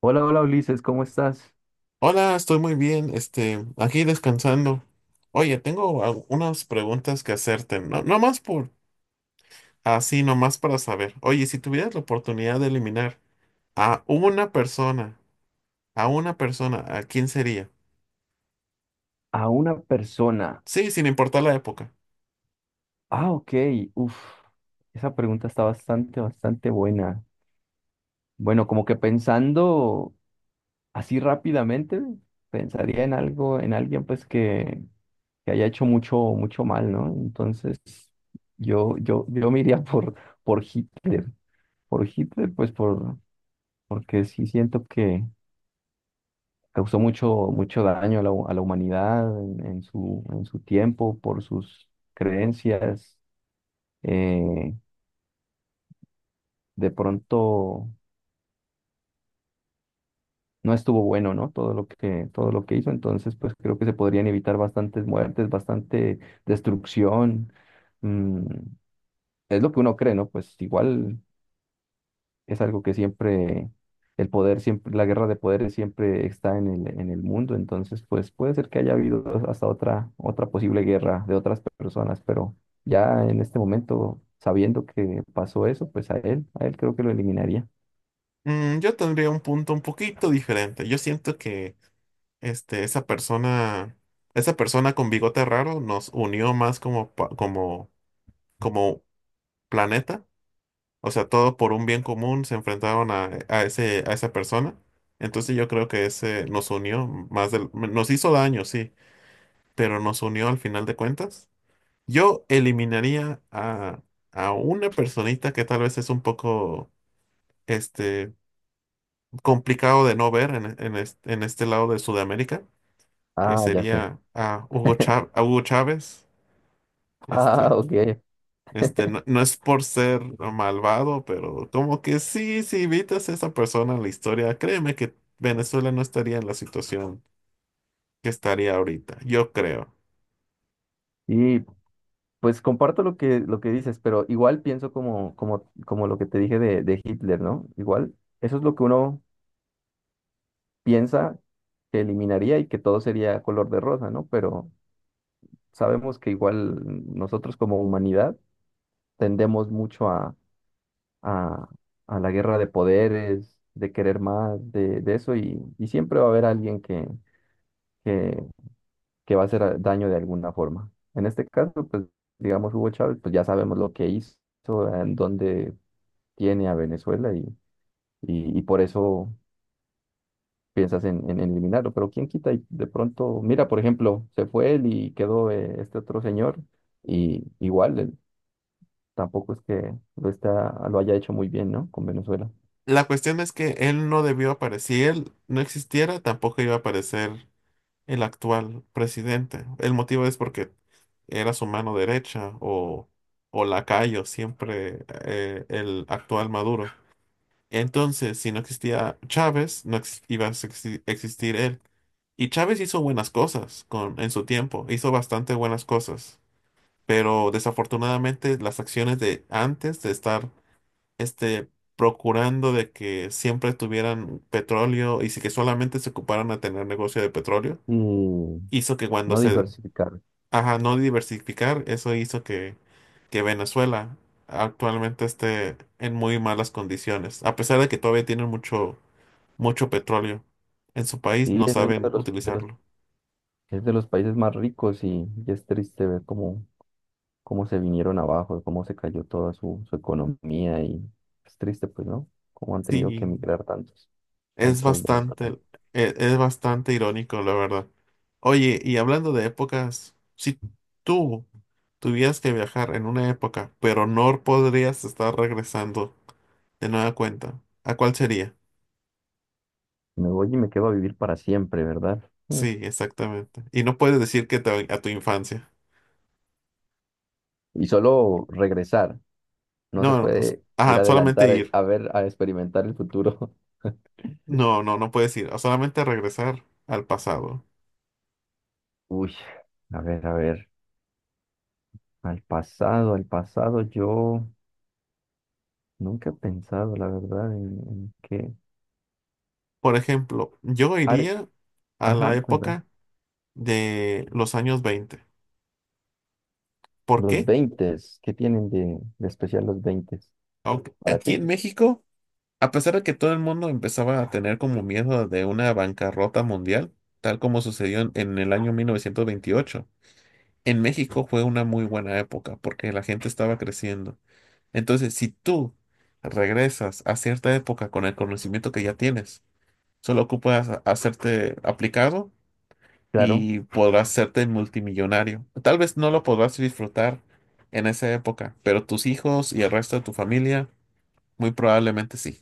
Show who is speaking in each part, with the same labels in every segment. Speaker 1: Hola, hola Ulises, ¿cómo estás?
Speaker 2: Hola, estoy muy bien, aquí descansando. Oye, tengo unas preguntas que hacerte, no más por así, nomás para saber. Oye, si tuvieras la oportunidad de eliminar a una persona, a una persona, ¿a quién sería?
Speaker 1: A una persona.
Speaker 2: Sí, sin importar la época.
Speaker 1: Ah, ok. Uf, esa pregunta está bastante, bastante buena. Bueno, como que pensando así rápidamente, pensaría en algo, en alguien pues que haya hecho mucho, mucho mal, ¿no? Entonces, yo me iría por Hitler. Por Hitler, pues por, porque sí siento que causó mucho, mucho daño a a la humanidad en su tiempo, por sus creencias eh, de pronto no estuvo bueno, ¿no? Todo lo que hizo, entonces pues creo que se podrían evitar bastantes muertes, bastante destrucción. Mm, es lo que uno cree, ¿no? Pues igual es algo que siempre, el poder siempre, la guerra de poderes siempre está en el mundo, entonces pues puede ser que haya habido hasta otra, otra posible guerra de otras personas, pero ya en este momento, sabiendo que pasó eso, pues a él creo que lo eliminaría.
Speaker 2: Mm, yo tendría un punto un poquito diferente. Yo siento que este, esa persona, esa persona con bigote raro nos unió más como, como, como planeta. O sea, todo por un bien común se enfrentaron a ese, a esa persona. Entonces yo creo que ese nos unió más del, nos hizo daño, sí, pero nos unió al final de cuentas. Yo eliminaría a una personita que tal vez es un poco este, complicado de no ver en este lado de Sudamérica, que
Speaker 1: Ah, ya sé.
Speaker 2: sería a a Hugo Chávez.
Speaker 1: Ah,
Speaker 2: Este,
Speaker 1: ok.
Speaker 2: No es por ser malvado, pero como que sí, si evitas a esa persona en la historia, créeme que Venezuela no estaría en la situación que estaría ahorita, yo creo.
Speaker 1: Y pues comparto lo que dices, pero igual pienso como, como, como lo que te dije de Hitler, ¿no? Igual, eso es lo que uno piensa que eliminaría y que todo sería color de rosa, ¿no? Pero sabemos que igual nosotros como humanidad tendemos mucho a, a la guerra de poderes, de querer más, de eso, y siempre va a haber alguien que va a hacer daño de alguna forma. En este caso, pues digamos Hugo Chávez, pues ya sabemos lo que hizo, en dónde tiene a Venezuela y por eso piensas en eliminarlo. Pero quién quita y de pronto, mira, por ejemplo, se fue él y quedó este otro señor y igual él tampoco es que lo está, lo haya hecho muy bien, ¿no? Con Venezuela.
Speaker 2: La cuestión es que él no debió aparecer, si él no existiera, tampoco iba a aparecer el actual presidente. El motivo es porque era su mano derecha o lacayo, siempre el actual Maduro. Entonces, si no existía Chávez, no ex- iba a exi- existir él. Y Chávez hizo buenas cosas con, en su tiempo, hizo bastante buenas cosas, pero desafortunadamente las acciones de antes de estar este, procurando de que siempre tuvieran petróleo y si que solamente se ocuparan a tener negocio de petróleo,
Speaker 1: Y
Speaker 2: hizo que cuando
Speaker 1: no
Speaker 2: se.
Speaker 1: diversificar.
Speaker 2: Ajá, no diversificar, eso hizo que Venezuela actualmente esté en muy malas condiciones, a pesar de que todavía tienen mucho, mucho petróleo en su país,
Speaker 1: Sí,
Speaker 2: no
Speaker 1: es uno
Speaker 2: saben
Speaker 1: de los,
Speaker 2: utilizarlo.
Speaker 1: es de los países más ricos y es triste ver cómo cómo se vinieron abajo, de cómo se cayó toda su, su economía y es triste, pues, ¿no? Cómo han tenido que
Speaker 2: Sí,
Speaker 1: emigrar tantos,
Speaker 2: es
Speaker 1: tantos venezolanos.
Speaker 2: bastante, es, bastante irónico, la verdad. Oye, y hablando de épocas, si tú tuvieras que viajar en una época, pero no podrías estar regresando de nueva cuenta, ¿a cuál sería?
Speaker 1: Me voy y me quedo a vivir para siempre, ¿verdad? Mm.
Speaker 2: Sí, exactamente. Y no puedes decir que a tu infancia.
Speaker 1: Y solo regresar, no se
Speaker 2: No,
Speaker 1: puede ir
Speaker 2: ajá, solamente
Speaker 1: adelantar
Speaker 2: ir.
Speaker 1: a ver, a experimentar el futuro.
Speaker 2: No puedes ir. Solamente regresar al pasado.
Speaker 1: Uy, a ver, al pasado, yo nunca he pensado, la verdad, en qué…
Speaker 2: Por ejemplo, yo
Speaker 1: Are-
Speaker 2: iría a la
Speaker 1: Ajá, cuenta.
Speaker 2: época de los años 20. ¿Por
Speaker 1: Los
Speaker 2: qué?
Speaker 1: 20, ¿qué tienen de especial los 20
Speaker 2: Aunque
Speaker 1: para
Speaker 2: aquí
Speaker 1: ti?
Speaker 2: en México, a pesar de que todo el mundo empezaba a tener como miedo de una bancarrota mundial, tal como sucedió en el año 1928, en México fue una muy buena época porque la gente estaba creciendo. Entonces, si tú regresas a cierta época con el conocimiento que ya tienes, solo ocupas hacerte aplicado
Speaker 1: Claro.
Speaker 2: y podrás hacerte multimillonario. Tal vez no lo podrás disfrutar en esa época, pero tus hijos y el resto de tu familia muy probablemente sí.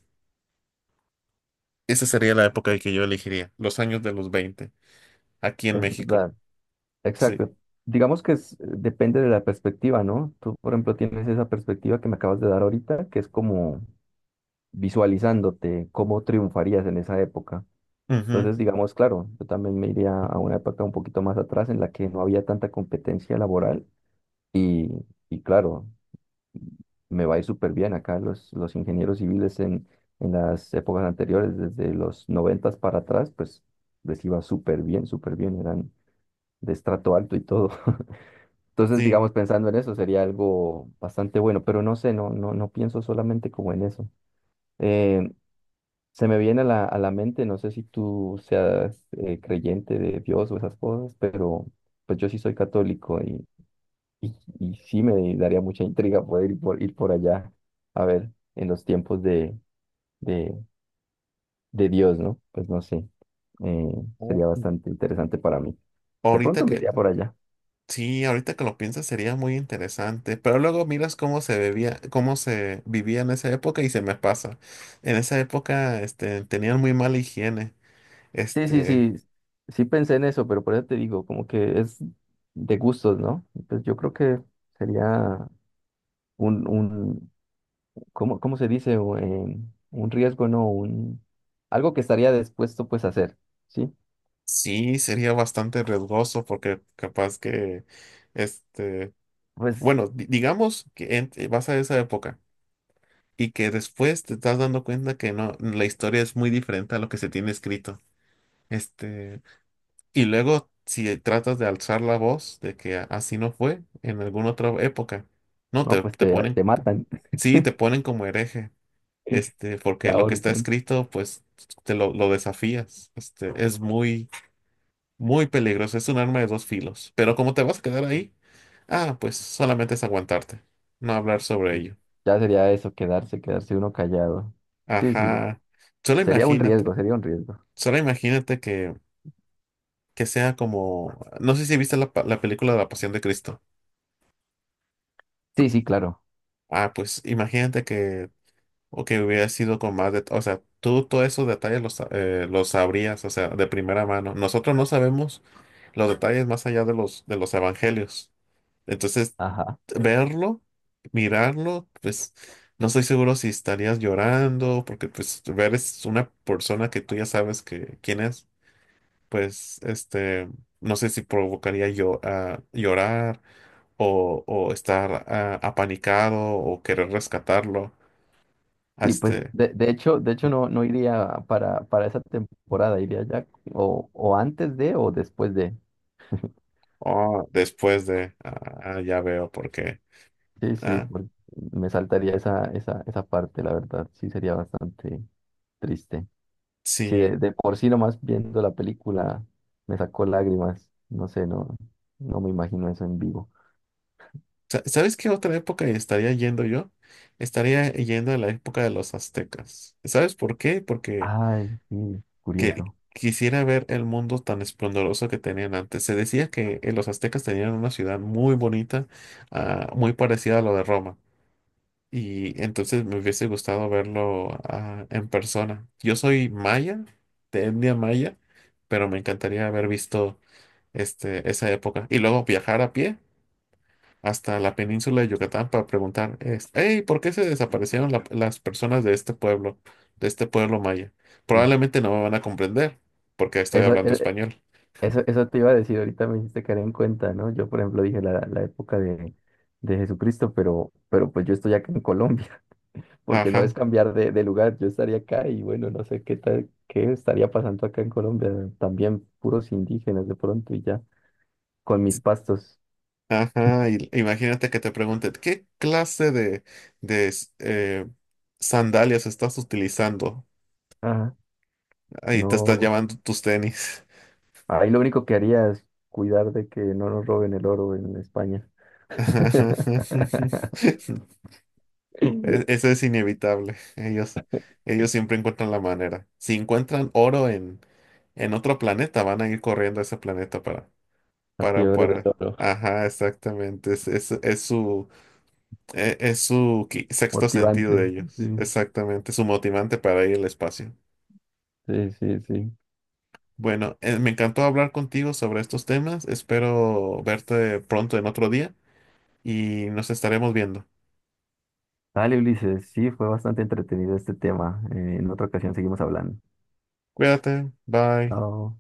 Speaker 2: Esa sería la época que yo elegiría, los años de los 20, aquí en
Speaker 1: Es
Speaker 2: México.
Speaker 1: verdad,
Speaker 2: Sí.
Speaker 1: exacto. Digamos que depende de la perspectiva, ¿no? Tú, por ejemplo, tienes esa perspectiva que me acabas de dar ahorita, que es como visualizándote cómo triunfarías en esa época.
Speaker 2: Ujú.
Speaker 1: Entonces, digamos, claro, yo también me iría a una época un poquito más atrás en la que no había tanta competencia laboral y, y claro, me va a ir súper bien acá los ingenieros civiles en las épocas anteriores, desde los noventas para atrás, pues les iba súper bien, eran de estrato alto y todo. Entonces,
Speaker 2: Sí.
Speaker 1: digamos, pensando en eso sería algo bastante bueno, pero no sé, no, no, no pienso solamente como en eso. Eh, se me viene a la mente, no sé si tú seas creyente de Dios o esas cosas, pero pues yo sí soy católico y sí me daría mucha intriga poder ir por, ir por allá, a ver, en los tiempos de, de Dios, ¿no? Pues no sé, eh,
Speaker 2: Oh.
Speaker 1: sería bastante interesante para mí. De
Speaker 2: Ahorita
Speaker 1: pronto me
Speaker 2: que,
Speaker 1: iría por allá.
Speaker 2: sí, ahorita que lo piensas sería muy interesante, pero luego miras cómo se bebía, cómo se vivía en esa época y se me pasa. En esa época, tenían muy mala higiene.
Speaker 1: Sí, sí,
Speaker 2: Este,
Speaker 1: sí, sí pensé en eso, pero por eso te digo, como que es de gustos, ¿no? Pues yo creo que sería un, ¿cómo, cómo se dice? Un riesgo, ¿no? Un, algo que estaría dispuesto pues a hacer, ¿sí?
Speaker 2: sí, sería bastante riesgoso porque capaz que, este,
Speaker 1: Pues,
Speaker 2: bueno, digamos que vas a esa época y que después te estás dando cuenta que no, la historia es muy diferente a lo que se tiene escrito. Este, Y luego, si tratas de alzar la voz de que así no fue en alguna otra época, no,
Speaker 1: no, pues te, te matan,
Speaker 2: sí, te ponen como hereje,
Speaker 1: te
Speaker 2: porque lo que está
Speaker 1: ahorcan.
Speaker 2: escrito, pues, te lo desafías. Es muy, muy peligroso, es un arma de dos filos. Pero como te vas a quedar ahí, ah, pues solamente es aguantarte, no hablar sobre ello.
Speaker 1: Ya sería eso, quedarse, quedarse uno callado. Sí, sí,
Speaker 2: Ajá, solo
Speaker 1: sería un
Speaker 2: imagínate,
Speaker 1: riesgo, sería un riesgo.
Speaker 2: solo imagínate que sea como, no sé si viste la película de La Pasión de Cristo.
Speaker 1: Sí, sí, claro.
Speaker 2: Ah, pues imagínate que, o que hubiera sido con más de, o sea, tú todos esos detalles los sabrías, o sea, de primera mano. Nosotros no sabemos los detalles más allá de los evangelios. Entonces,
Speaker 1: Ajá.
Speaker 2: verlo, mirarlo, pues no estoy seguro si estarías llorando, porque pues ver es una persona que tú ya sabes que quién es, pues no sé si provocaría yo a llorar o estar ah, apanicado o querer rescatarlo. Ah.
Speaker 1: Y pues de hecho no, no iría para esa temporada, iría ya o antes de o después de.
Speaker 2: O después de, ah, ah, ya veo por qué.
Speaker 1: Sí, sí,
Speaker 2: Ah,
Speaker 1: porque me saltaría esa, esa, esa parte, la verdad, sí sería bastante triste. Sí,
Speaker 2: sí.
Speaker 1: de por sí nomás viendo la película me sacó lágrimas, no sé, no, no me imagino eso en vivo.
Speaker 2: ¿Sabes qué otra época estaría yendo yo? Estaría yendo a la época de los aztecas. ¿Sabes por qué? Porque
Speaker 1: Ay, sí,
Speaker 2: que,
Speaker 1: curioso.
Speaker 2: quisiera ver el mundo tan esplendoroso que tenían antes. Se decía que los aztecas tenían una ciudad muy bonita, ah, muy parecida a lo de Roma. Y entonces me hubiese gustado verlo, ah, en persona. Yo soy maya, de etnia maya, pero me encantaría haber visto esa época. Y luego viajar a pie hasta la península de Yucatán para preguntar, es, hey, ¿por qué se desaparecieron las personas de este pueblo maya?
Speaker 1: Sí.
Speaker 2: Probablemente no me van a comprender porque estoy
Speaker 1: Esa,
Speaker 2: hablando español.
Speaker 1: eso, eso te iba a decir, ahorita me hiciste caer en cuenta, ¿no? Yo, por ejemplo, dije la, la época de Jesucristo, pero pues yo estoy acá en Colombia, porque no es
Speaker 2: Ajá,
Speaker 1: cambiar de lugar, yo estaría acá y bueno, no sé qué tal, qué estaría pasando acá en Colombia, también puros indígenas de pronto y ya, con mis pastos.
Speaker 2: ajá. Y imagínate que te pregunten, ¿qué clase de, de s- eh, sandalias estás utilizando?
Speaker 1: Ajá,
Speaker 2: Ahí te estás
Speaker 1: no,
Speaker 2: llevando tus tenis.
Speaker 1: ahí lo único que haría es cuidar de que no nos roben el oro en España.
Speaker 2: Eso es inevitable. Ellos siempre encuentran la manera. Si encuentran oro en otro planeta, van a ir corriendo a ese planeta
Speaker 1: La
Speaker 2: para,
Speaker 1: fiebre del
Speaker 2: para.
Speaker 1: oro,
Speaker 2: Ajá, exactamente. Es su, es, su sexto sentido
Speaker 1: motivante,
Speaker 2: de ellos.
Speaker 1: sí,
Speaker 2: Exactamente. Su motivante para ir al espacio.
Speaker 1: sí, sí, sí.
Speaker 2: Bueno, me encantó hablar contigo sobre estos temas. Espero verte pronto en otro día y nos estaremos viendo.
Speaker 1: Dale, Ulises, sí, fue bastante entretenido este tema. En otra ocasión seguimos hablando.
Speaker 2: Cuídate. Bye.
Speaker 1: Chao.